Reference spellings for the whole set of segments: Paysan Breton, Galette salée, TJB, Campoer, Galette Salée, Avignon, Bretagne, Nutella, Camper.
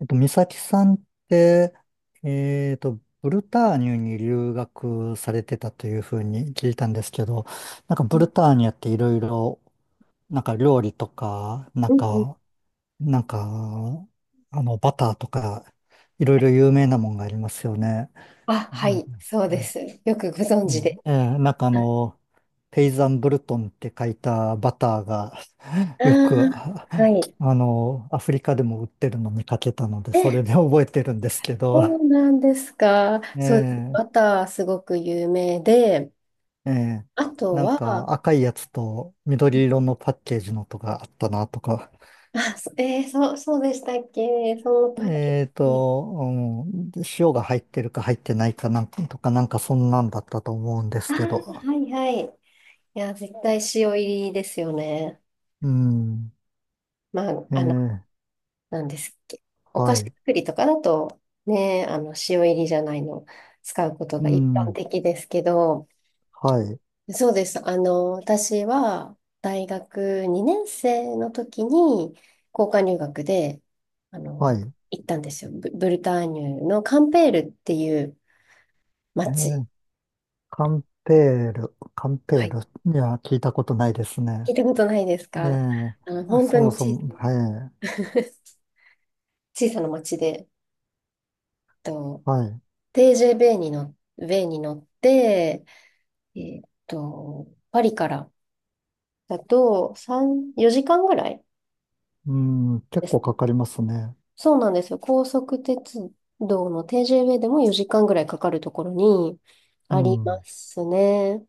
美咲さんって、ブルターニュに留学されてたというふうに聞いたんですけど、なんかうブんルターニュっていろいろ、なんか料理とか、うん、なんか、バターとか、いろいろ有名なもんがありますよね。あ、うはん、い、そうです。よくご存う知ん、で。ええ、なんかペイザンブルトンって書いたバターが よあく、あは い。アフリカでも売ってるの見かけたので、それえ、で 覚えてるんですけど、そうなんですか。えそうですね。え、バターすごく有名で、ええ、あとなんかは、赤いやつと緑色のパッケージのとかあったなとか、あ、そえーそう、そうでしたっけそのパッケージ。うん、塩が入ってるか入ってないかなんかとか、なんかそんなんだったと思うんであすけど、あはいはい。いや、絶対塩入りですよね。うん、まあ、ええ、なんですっけ。お菓は子い、作りとかだと、ね、塩入りじゃないの使うことうが一般ん、的ですけど、はい、そうです。私は大学2年生の時に交換留学で、あはの、い。行ったんですよ。ブルターニュのカンペールっていう町。ええ、カンペール、カンペはーい。ルには聞いたことないです聞ね。いたことないですえか？え、あ、本当そもにそ小さも、な はい、小さな町で、と、はい。TJ ベイに乗って、えっと、パリからだと3、4時間ぐらいうん、で結す。構かかりますね。そうなんですよ。高速鉄道の TJB でも4時間ぐらいかかるところにうありまん。すね。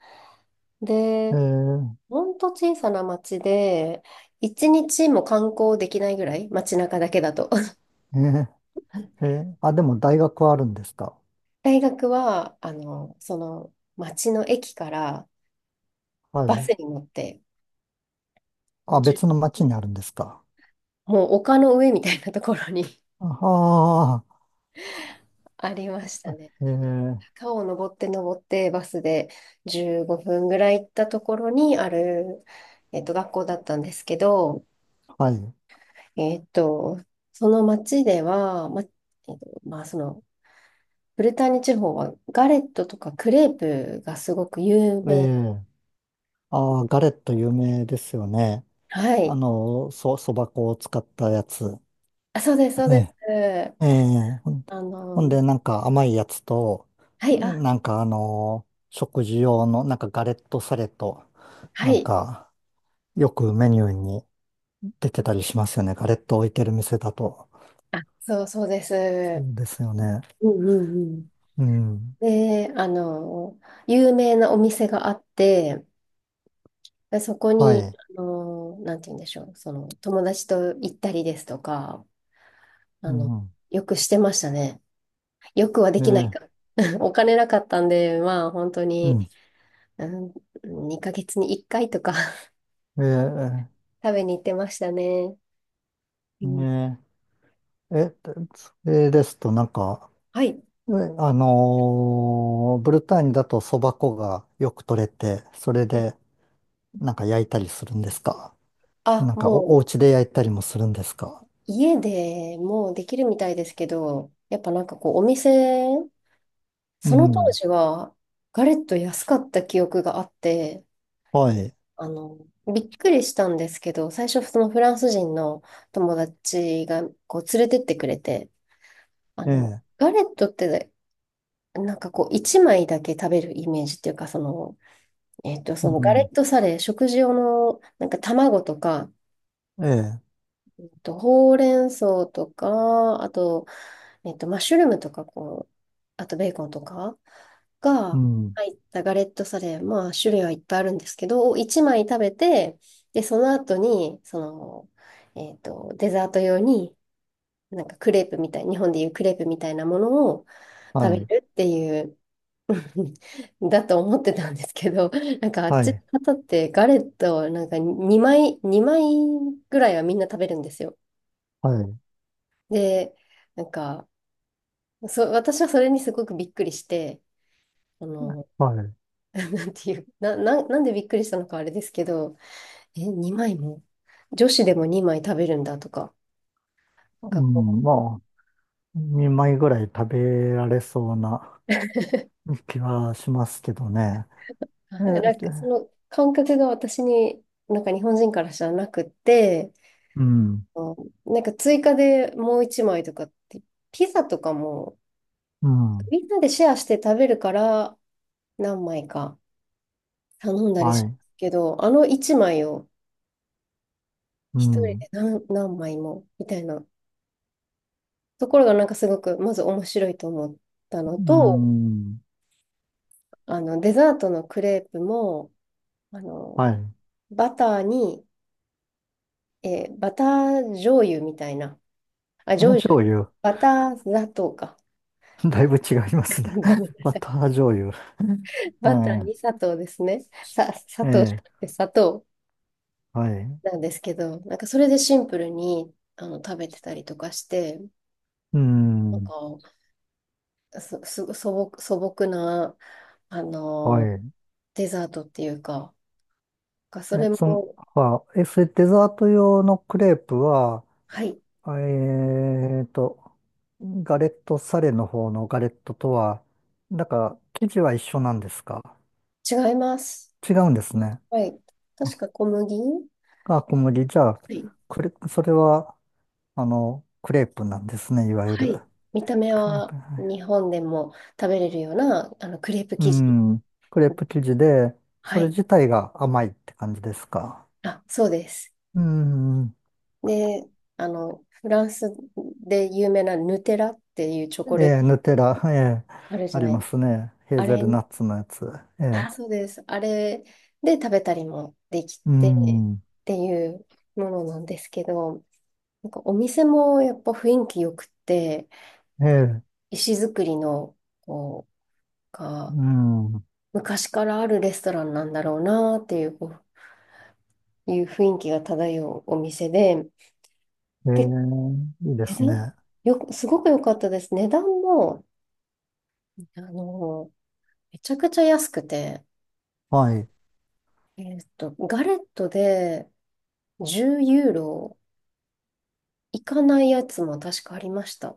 えで、え、ほんと小さな町で、一日も観光できないぐらい、街中だけだと。ええ、ええ、あ、でも大学はあるんですか？大学は、その町の駅からはバスい。に乗って、あ、じゅ別の町うにあるんですか？もう丘の上みたいなところに ああ、ありましたね。ええ、川を登って登ってバスで15分ぐらい行ったところにある、学校だったんですけど、はい。えっと、その町では、と、まあ、その、ブルターニュ地方はガレットとかクレープがすごく有え名。え、ああ、ガレット有名ですよね。はい。そば粉を使ったやつ。あ、そうです、そうえです。え、ええ、あほんの、で、なんか甘いやつと、はい、あ、なんか食事用の、なんかガレットサレと、はなんい。か、よくメニューに出てたりしますよね。ガレット置いてる店だと。あ、そう、そうでそす。うですよね。うんうんうん。うん。で、有名なお店があって、でそこはに、い。なんて言うんでしょう、その、友達と行ったりですとか、あうの、ん。よくしてましたね。よくはでえきないー、か。お金なかったんで、まあ、本当うに、ん。うん、2ヶ月に1回とか え食べに行ってましたね。うん、ねええ、それですと、なんか、はい。えブルターニュだとそば粉がよく取れて、それで、なんか焼いたりするんですか？あ、なんかもお、おう、家で焼いたりもするんですか？家でもうできるみたいですけど、やっぱなんかこう、お店、うその当ん。時は、ガレット安かった記憶があって、はい。あの、びっくりしたんですけど、最初そのフランス人の友達がこう連れてってくれて、あえの、え。ガレットってなんかこう一枚だけ食べるイメージっていうか、その、うそのガレん。ットサレ、食事用のなんか卵とか、ええ。ほうれん草とか、あとマッシュルームとか、こう、あとベーコンとかうがん。入ったガレットサレ、まあ、種類はいっぱいあるんですけど、1枚食べて、で、その後に、デザート用に、なんかクレープみたい、日本でいうクレープみたいなものをは食べい。るっていう、だと思ってたんですけど、なんかあっはちい。の方ってガレットをなんか2枚、2枚ぐらいはみんな食べるんですよ。はい。で、なんか、私はそれにすごくびっくりして、その、はい。なんていう、なんでびっくりしたのかあれですけど、え、2枚も、女子でも2枚食べるんだとか、う学校。ん。まあ、2枚ぐらい食べられそうな 気はしますけどね。あええ。なんで、かその感覚が私に、なんか日本人からしたらなくって、うん。あのなんか追加でもう1枚とかって、ピザとかも、うん。みんなでシェアして食べるから、何枚か頼んだりはしますい。けど、あの1枚をう一人ん。で何枚も、みたいなところがなんかすごく、まず面白いと思ったのうと、ん。デザートのクレープも、あはの、い。バターに、バター醤油みたいな、あ、花醤油、醤油。バター砂糖か。バ だいぶ違いますね。ごめ んなバさい。ター醤油。バター えに砂糖ですね。砂え。え糖じゃなえ。くて砂糖はい。なんですけど、なんかそれでシンプルに食べてたりとかして、うなんん。か素朴な、あはの、い。デザートっていうか、そえ、れその、も、あ、え、それデザート用のクレープは、はい、あえーと、ガレットサレの方のガレットとは、なんか、生地は一緒なんですか？違います。違うんですね。はい。あ、確か小麦あ、小麦。じゃあ、はい。それは、クレープなんですね、いわゆはる。い見た目クレーはプ、は日い。本でも食べれるような、クレープう生地。ん、クレープ生地で、はそれい。自体が甘いって感じですか？あ、そうです。うん。で、フランスで有名なヌテラっていうチョコえレートえ、ヌテラ、ええ、あるじあゃりないまですか。すね。ヘーあれ、ゼルナッツのやつ。ええ、あ、そうです。あれで食べたりもできうてん、っていうものなんですけど、なんかお店もやっぱ雰囲気よくて、ええ、石造りの、こう、うん、昔からあるレストランなんだろうなっていうこういう雰囲気が漂うお店で、えで、え、いいで値す段ね。よく、すごく良かったです。値段も、あの、めちゃくちゃ安くて、はい。ガレットで10ユーロいかないやつも確かありました。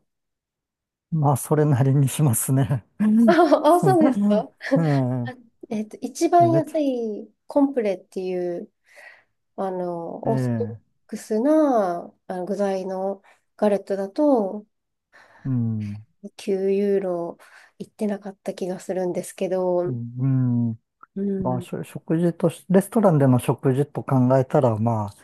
まあ、それなりにしますね。あ、あそうですか。うあん、え一え、番めっち安ゃ、いコンプレっていう、えオーソドッえ、クスなあの具材のガレットだと、うん、9ユーロいってなかった気がするんですけうど、ん、うまあ、ん。しょ食事とし、レストランでの食事と考えたら、まあ、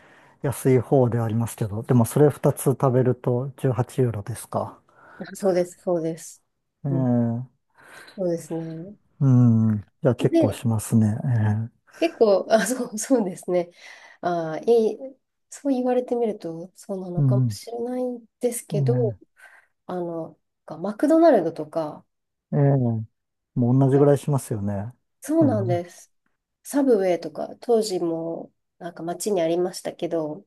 安い方ではありますけど、でもそれ2つ食べると18ユーロですか？あそうです、そうです。えうん。え、そうですね。うん。いや、結構で、しますね。ええ、結構、あ、そう、そうですね。あ、そう言われてみると、そうなのうかもん。しれないんですけど、あの、マクドナルドとか、ええ、ええ、もう同じはぐいらいしますよね。そううなんん。です。サブウェイとか、当時も、なんか街にありましたけど、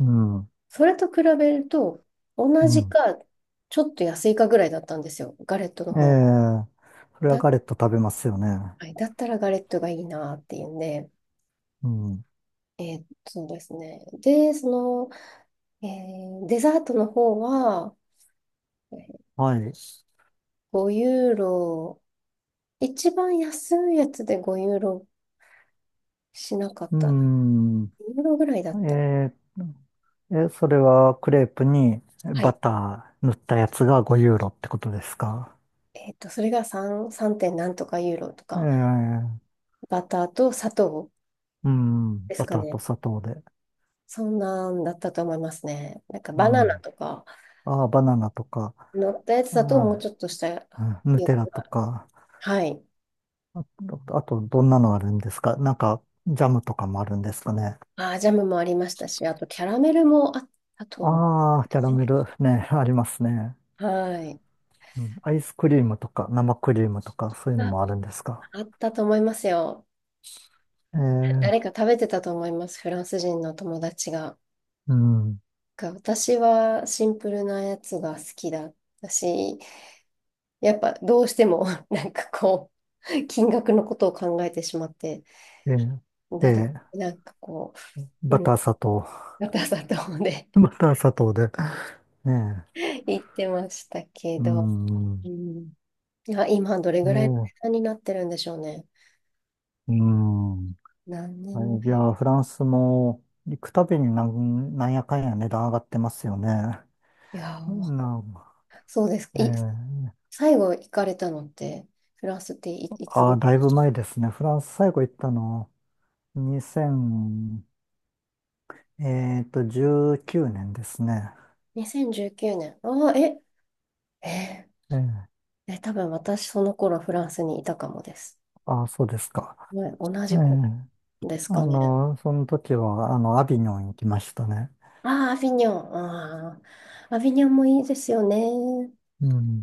うん。それと比べると、同うじん。か、ちょっと安いかぐらいだったんですよ、ガレットのええ、方。それはだ、ガレット食べますよね。はい、だったらガレットがいいなっていうんで、うん。そうですね。で、その、デザートの方は、えーはい。5ユーロ、一番安いやつで5ユーロしなかっうた。2ん。ユーロぐらいだった。え、ええ、それはクレープにはバい。ター塗ったやつが5ユーロってことですか？それが3点なんとかユーロとか、ええ、バターと砂糖うん。ですバかターとね。砂糖で。そんなんだったと思いますね。なんかうバナナん。とかああ、バナナとか、乗ったやつあだともうちあ、ょっとしたうん、ヌよテくラあとる。か。はい。あと、どんなのあるんですか？なんか、ジャムとかもあるんですかね？ジャムもありましたし、あとキャラメルもあったと思うああ、キャラね。メルね、ありますね。はい。うん、アイスクリームとか、生クリームとか、そういうのあもあるんですか？あったと思いますよ。えー、誰か食べてたと思います。フランス人の友達が。うん。が私はシンプルなやつが好きだったし、やっぱどうしても なんかこう、金額のことを考えてしまって、えー、えなる、ーなんかこう、うバん、ター砂糖。ガタガタで バター砂糖で。ね 言ってましたけえ、うど、ん。うねん、あ、今どれえぐらいの値ー、段になってるんでしょうね。うん。何年はい、い前。や、フランスも、行くたびになんやかんや値段上がってますよね。いやー、なん、そうですえか。ー最後行かれたのって、フランスっていつああ、頃？だいぶ前ですね。フランス最後行ったの、2 0えっと、19年ですね。2019年。ああ、え、えええ、ー、え、多分私その頃フランスにいたかもです。ああ、そうですか。ね、同えじえ、子ですかね。その時は、アビニョン行きましたね。ああ、アビニョン。ああ、アビニョンもいいですよね。うん。